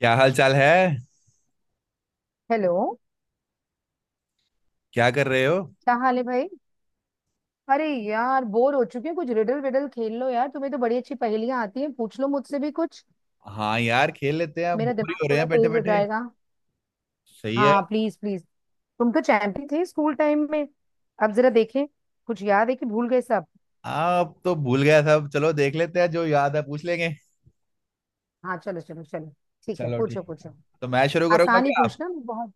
क्या हाल चाल है। हेलो। क्या कर रहे हो। क्या हाल है भाई। अरे यार, बोर हो चुके हैं, कुछ रिडल विडल खेल लो। यार तुम्हें तो बड़ी अच्छी पहेलियां आती हैं, पूछ लो मुझसे भी कुछ। हाँ यार, खेल लेते हैं, मेरा बोर ही दिमाग हो रहे थोड़ा हैं बैठे तेज हो बैठे। जाएगा। सही है। हाँ प्लीज प्लीज। तुम तो चैंपियन थे स्कूल टाइम में। अब जरा देखें, कुछ याद है कि भूल गए सब। आप तो भूल गया सब, चलो देख लेते हैं, जो याद है पूछ लेंगे। हाँ, चलो चलो चलो। ठीक है, चलो पूछो ठीक है, पूछो। तो मैं शुरू करूंगा आसान ही क्या आप। पूछना, मैं बहुत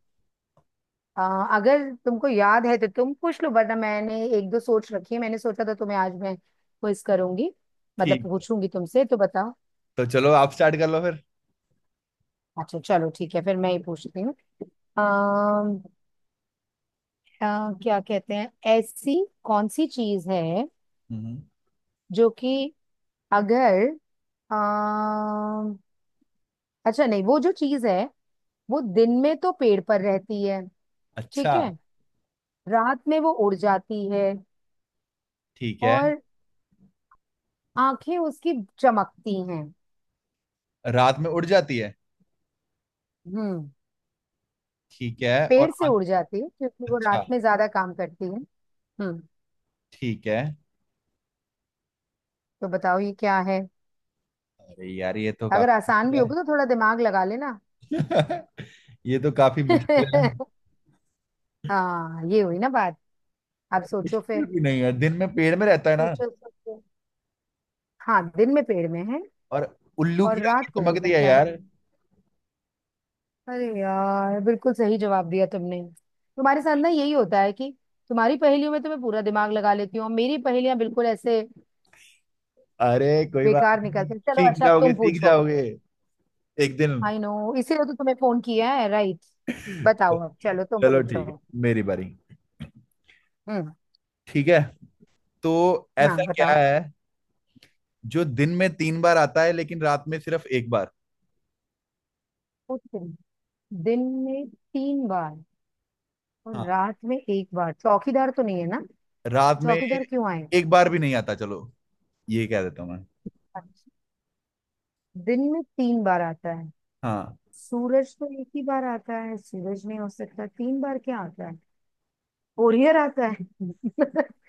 अगर तुमको याद है तो तुम पूछ लो, वरना मैंने एक दो सोच रखी है। मैंने सोचा था तुम्हें आज मैं क्विज करूंगी, मतलब ठीक है। पूछूंगी तुमसे, तो बताओ। तो चलो आप स्टार्ट कर लो फिर। अच्छा चलो ठीक है, फिर मैं ही पूछती हूँ। अम, क्या कहते हैं, ऐसी कौन सी चीज है हम्म। जो कि अगर अम, अच्छा नहीं, वो जो चीज है, वो दिन में तो पेड़ पर रहती है। अच्छा। ठीक है, रात में वो उड़ जाती है। ठीक है। और आंखें उसकी चमकती हैं। रात में उड़ जाती है। हम्म ठीक है पेड़ और से आंख- उड़ जाती है क्योंकि वो अच्छा। रात में ज्यादा काम करती है। हम्म ठीक है। तो बताओ ये क्या है। अरे यार ये तो अगर काफी आसान भी मुश्किल होगा तो थोड़ा दिमाग लगा लेना। है। ये तो काफी मुश्किल है। हाँ, ये हुई ना बात। आप सोचो मुश्किल फिर। भी नहीं है, दिन में पेड़ में रहता है ना सोचो सोचो। हाँ, दिन में पेड़ में है और उल्लू की और रात आंखें को उड़ चमकती है जाता है। यार। अरे यार, बिल्कुल सही जवाब दिया तुमने। तुम्हारे साथ ना यही होता है कि तुम्हारी पहेलियों में तो मैं पूरा दिमाग लगा लेती हूँ, और मेरी पहेलियां बिल्कुल ऐसे अरे कोई बात बेकार नहीं, निकलती हैं। चलो सीख अच्छा, अब जाओगे तुम सीख पूछो। जाओगे एक दिन। आई नो, इसीलिए तो तुम्हें फोन किया है राइट। बताओ अब, चलो तुम चलो पूछो। ठीक है, मेरी बारी। हम्म। ठीक है तो हाँ ऐसा क्या बताओ। है जो दिन में तीन बार आता है लेकिन रात में सिर्फ एक बार। पूछते हैं। दिन में तीन बार और हाँ, रात में एक बार, चौकीदार तो नहीं है ना। रात में चौकीदार क्यों एक बार भी नहीं आता, चलो ये कह देता हूँ मैं। आए। दिन में तीन बार आता है, हाँ। सूरज तो एक ही बार आता है, सूरज नहीं हो सकता। तीन बार क्या आता है? ओरियर आता है।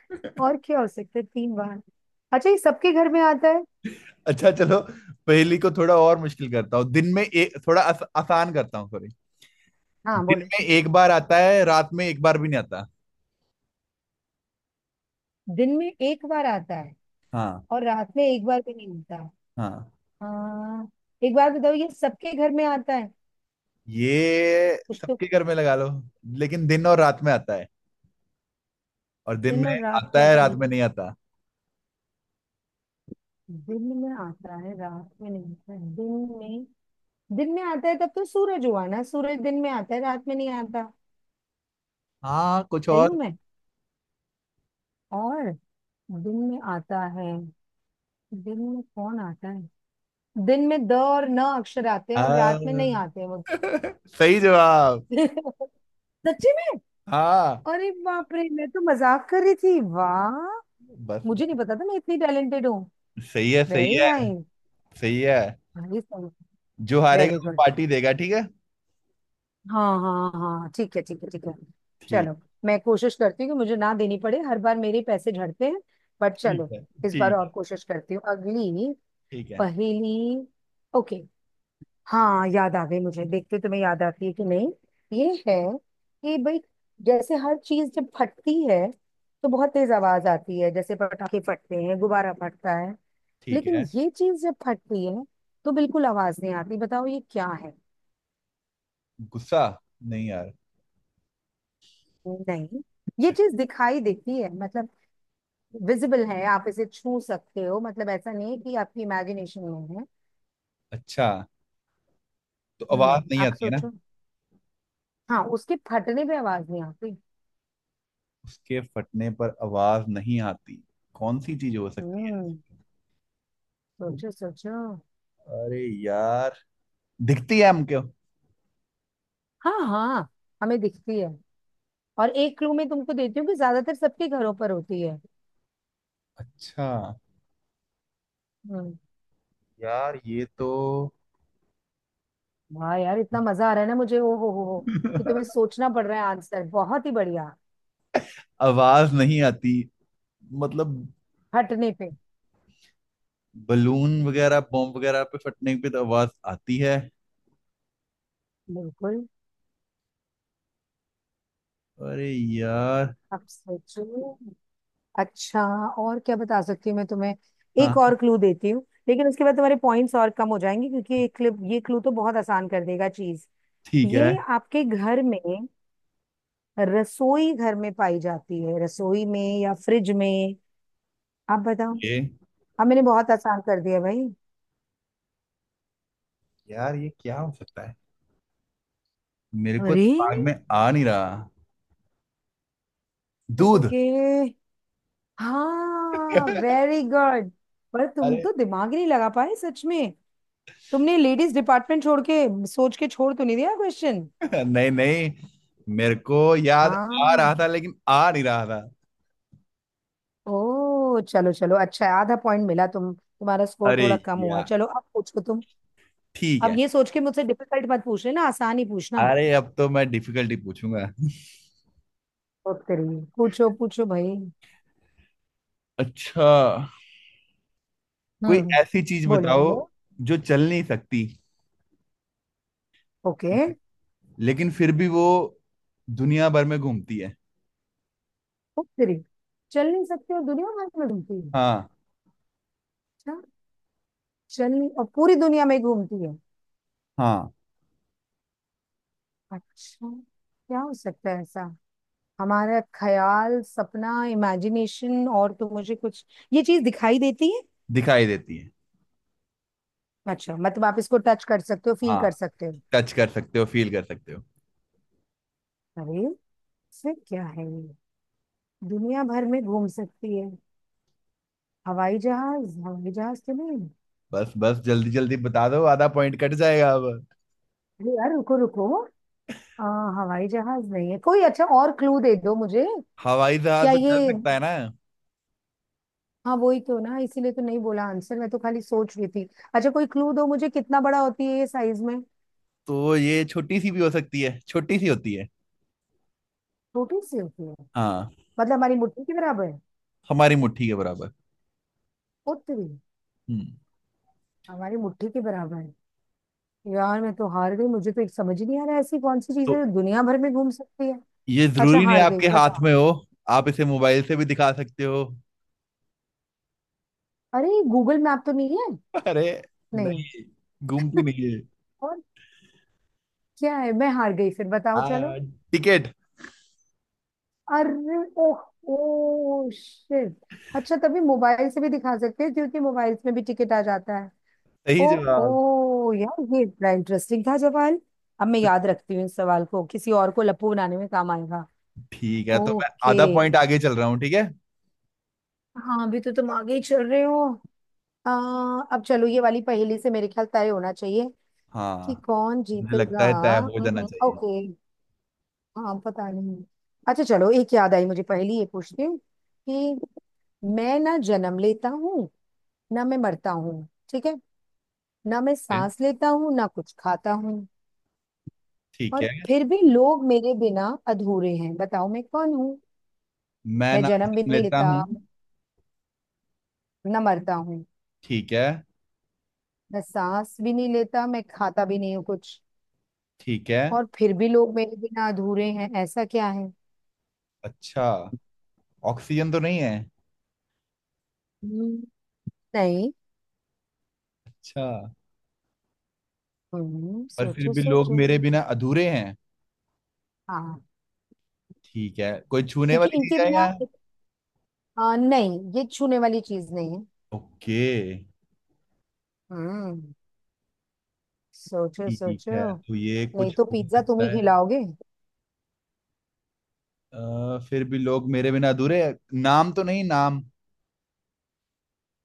और क्या हो सकता है तीन बार? अच्छा, ये सबके घर में आता है? अच्छा चलो, पहेली को थोड़ा और मुश्किल करता हूँ। दिन में एक, थोड़ा आसान करता हूँ सॉरी। हाँ दिन बोलो। में एक बार आता है, रात में एक बार भी नहीं आता। दिन में एक बार आता है हाँ। और रात में एक बार भी नहीं आता। हाँ, हाँ। एक बार बताओ, ये सबके घर में आता है? ये कुछ तो सबके घर में लगा लो, लेकिन दिन और रात में आता है और दिन दिन में और रात आता का है रात असली। में नहीं आता। दिन में आता है, रात में नहीं आता है। दिन में, दिन में आता है, तब तो सूरज हुआ ना, सूरज दिन में आता है रात में नहीं आता। हाँ कुछ सही हूँ और। मैं? और दिन में आता है, दिन में कौन आता है? दिन में द और न अक्षर आते हैं और हाँ। रात में नहीं आते वो। सही जवाब। सच्ची में? हाँ। अरे बाप रे, मैं तो मजाक कर रही थी। वाह, बस मुझे बस। नहीं पता था मैं इतनी टैलेंटेड हूँ। सही है सही वेरी है। नाइस। सही है। जो हारेगा वेरी वो गुड। पार्टी देगा, ठीक है। हाँ हाँ हाँ हाँ। ठीक है ठीक है ठीक है। ठीक। चलो, मैं कोशिश करती हूँ कि मुझे ना देनी पड़े, हर बार मेरे पैसे झड़ते हैं। बट ठीक चलो, है इस बार ठीक और है कोशिश करती हूँ। अगली ठीक है पहेली। ओके। हाँ, याद आ गई मुझे, देखते तुम्हें याद आती है कि नहीं। ये है कि भाई, जैसे हर चीज जब फटती है तो बहुत तेज आवाज आती है, जैसे पटाखे फटते हैं, गुब्बारा फटता है। ठीक लेकिन है। ये चीज जब फटती है तो बिल्कुल आवाज नहीं आती, बताओ ये क्या है। गुस्सा। नहीं यार। नहीं। ये चीज दिखाई देती है, मतलब विजिबल है, आप इसे छू सकते हो, मतलब ऐसा नहीं है कि आपकी इमेजिनेशन में है। अच्छा, तो आवाज नहीं आप आती है ना। सोचो। हाँ, उसके फटने पे आवाज नहीं आती। उसके फटने पर आवाज नहीं आती। कौन सी चीज हो सकती है। हम्म सोचो सोचो। अरे यार, दिखती है हमको। हाँ हाँ, हमें दिखती है। और एक क्लू मैं तुमको देती हूँ, कि ज्यादातर सबके घरों पर होती है। अच्छा। हम्म यार ये तो। वाह यार, इतना मजा आ रहा है ना मुझे, ओ हो, कि तुम्हें सोचना पड़ रहा है आंसर। बहुत ही बढ़िया। आवाज नहीं आती मतलब। हटने पे बलून वगैरह बॉम्ब वगैरह पे फटने पे तो आवाज आती है। बिल्कुल। अरे यार। अब सोचो। अच्छा, और क्या बता सकती हूँ मैं तुम्हें, एक हाँ और क्लू देती हूँ, लेकिन उसके बाद तुम्हारे पॉइंट्स और कम हो जाएंगे क्योंकि ये क्लिप, ये क्लू तो बहुत आसान कर देगा चीज। ठीक है। ये आपके घर में, रसोई घर में पाई जाती है, रसोई में या फ्रिज में। आप बताओ। ये हाँ, मैंने बहुत आसान कर दिया भाई। यार, ये क्या हो सकता है। मेरे को अरे। दिमाग में आ नहीं रहा। दूध। ओके। हाँ, वेरी गुड। पर तुम अरे। तो दिमाग ही नहीं लगा पाए, सच में। तुमने लेडीज डिपार्टमेंट छोड़ के सोच के छोड़ तो नहीं दिया क्वेश्चन? नहीं नहीं। मेरे को याद आ रहा हाँ। था लेकिन आ नहीं रहा था। ओ चलो चलो, अच्छा है, आधा पॉइंट मिला तुम, तुम्हारा स्कोर अरे थोड़ा कम हुआ। यार चलो, अब पूछो तुम। ठीक है। अब ये सोच के मुझसे डिफिकल्ट मत पूछ लेना, आसान ही पूछना। अरे अब तो मैं डिफिकल्टी पूछूंगा। ओ तेरी। पूछो पूछो भाई। अच्छा, कोई हम्म। ऐसी चीज बोलो बताओ बोलो। जो चल नहीं सकती। ओके। ठीक है। लेकिन फिर भी वो दुनिया भर में घूमती है। ओ तेरी, चल नहीं सकते हो, दुनिया भर में घूमती। हाँ। अच्छा। चलिए, और पूरी दुनिया में घूमती है। हाँ, अच्छा, क्या हो सकता है ऐसा? हमारा ख्याल, सपना, इमेजिनेशन, और तो मुझे कुछ। ये चीज दिखाई देती है? दिखाई देती है। अच्छा, मतलब आप इसको टच कर सकते हो, फील हाँ, कर सकते हो। टच कर सकते हो फील कर सकते हो। अरे, फिर क्या है ये? दुनिया भर में घूम सकती है। हवाई जहाज, हवाई जहाज तो नहीं। बस बस, जल्दी जल्दी बता दो, आधा पॉइंट कट जाएगा अब। अरे यार, रुको रुको। आ, हवाई जहाज नहीं है कोई, अच्छा और क्लू दे दो मुझे। हवाई जहाज क्या तो चल ये। सकता है ना। हाँ वही तो ना, इसीलिए तो नहीं बोला आंसर, मैं तो खाली सोच रही थी। अच्छा कोई क्लू दो मुझे, कितना बड़ा होती है ये साइज में? तो ये छोटी सी भी हो सकती है, छोटी सी होती है। छोटी सी होती है। हाँ। मतलब हमारी मुट्ठी के बराबर है हमारी मुट्ठी के बराबर। उतनी। हम्म। हमारी मुट्ठी के बराबर है। यार मैं तो हार गई, मुझे तो एक समझ ही नहीं आ रहा है, ऐसी कौन सी चीज तो है जो दुनिया भर में घूम सकती है। ये अच्छा, जरूरी नहीं हार गई, आपके हाथ बताओ। में हो, आप इसे मोबाइल से भी दिखा सकते हो। अरे गूगल मैप तो नहीं है? अरे नहीं। नहीं, घूमती नहीं है। और क्या है? मैं हार गई, फिर बताओ आ, चलो। टिकट। अरे, ओह, ओ शिट। अच्छा, तभी मोबाइल से भी दिखा सकते हैं क्योंकि मोबाइल्स में भी टिकट आ जाता है। सही ओ, जवाब। ओ यार, ये बड़ा इंटरेस्टिंग था सवाल। अब मैं याद रखती हूँ इस सवाल को, किसी और को लप्पू बनाने में काम आएगा। ठीक है, तो मैं ओके। आधा पॉइंट आगे चल रहा हूँ ठीक है। हाँ, अभी तो तुम आगे ही चल रहे हो। आ, अब चलो, ये वाली पहेली से मेरे ख्याल तय होना चाहिए कि हाँ। कौन मुझे जीतेगा। लगता है तय हो जाना चाहिए। ओके। हाँ, पता नहीं। अच्छा चलो, एक याद आई मुझे पहेली, ये पूछती हूँ कि मैं ना जन्म लेता हूँ, ना मैं मरता हूँ, ठीक है? ना मैं ठीक है। सांस लेता हूँ, ना कुछ खाता हूँ। ठीक और है। फिर भी लोग मेरे बिना अधूरे हैं, बताओ मैं कौन हूँ। मैं मैं ना जन्म भी जन्म नहीं लेता लेता, हूँ। न मरता हूँ। ठीक है। मैं सांस भी नहीं लेता, मैं खाता भी नहीं हूँ कुछ। ठीक है। और फिर भी लोग मेरे बिना अधूरे हैं, ऐसा क्या है? अच्छा, ऑक्सीजन तो नहीं है। हम्म, नहीं। अच्छा। पर फिर सोचो भी लोग सोचो। मेरे बिना अधूरे हैं। हाँ, ठीक है, कोई छूने क्योंकि वाली चीज इनके है बिना यहाँ। नहीं, ये छूने वाली चीज नहीं है। ओके। हम्म सोचो ठीक सोचो। है तो ये नहीं कुछ तो हो पिज्जा तुम सकता ही है। खिलाओगे। फिर भी लोग मेरे बिना अधूरे हैं। नाम तो नहीं, नाम।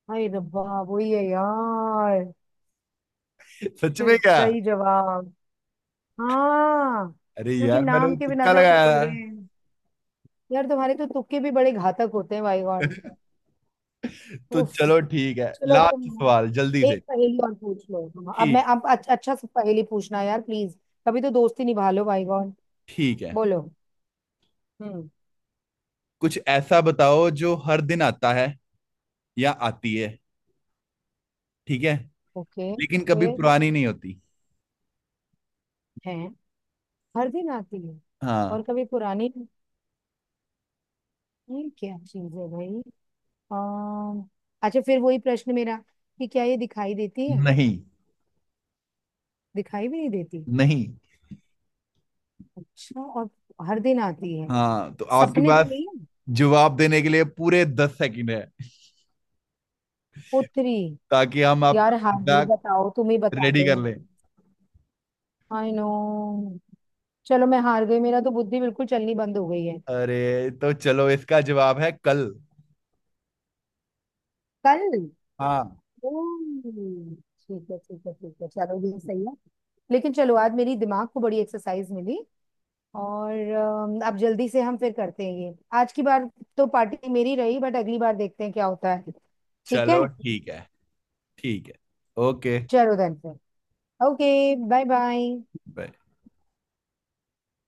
हाय रब्बा, वही है यार। सच में शिट, क्या। सही जवाब। हाँ, अरे क्योंकि यार, मैंने नाम के बिना तुक्का तो हम लगाया। अधूरे हैं। यार तुम्हारे तो तुक्के भी बड़े घातक होते हैं, माय गॉड। तो उफ। चलो ठीक है, चलो तुम लास्ट सवाल जल्दी एक से। पहेली और पूछ लो तुम। अब मैं, ठीक। अब अच्छा, अच्छा सा पहेली पूछना यार प्लीज। कभी तो दोस्ती निभा लो माय गॉड। ठीक है, बोलो। हम्म। कुछ ऐसा बताओ जो हर दिन आता है या आती है। ठीक है, ओके। लेकिन कभी फिर पुरानी नहीं होती। है, हर दिन आती है हाँ। और कभी पुरानी नहीं। ये क्या चीज है भाई? अम्म, अच्छा, फिर वही प्रश्न मेरा, कि क्या ये दिखाई देती है? नहीं। दिखाई भी नहीं देती। नहीं। अच्छा, और हर दिन आती है। हाँ, तो आपके सपने तो पास नहीं है? जवाब देने के लिए पूरे 10 सेकंड है, पुत्री। ताकि हम आपका यार हार गई, फीडबैक बताओ तुम ही बता रेडी दो। कर लें। I know. चलो मैं हार गई, मेरा तो बुद्धि बिल्कुल चलनी बंद हो गई है। अरे तो चलो, इसका जवाब है कल। कल। हाँ। ओह, ठीक है ठीक है ठीक है, चलो ये सही है। लेकिन चलो, आज मेरी दिमाग को बड़ी एक्सरसाइज मिली। और अब जल्दी से हम फिर करते हैं ये आज की बार। तो पार्टी मेरी रही, बट अगली बार देखते हैं क्या होता है। ठीक है। चलो ठीक है। ठीक है। ओके। चलो देन फिर। ओके। Bye bye.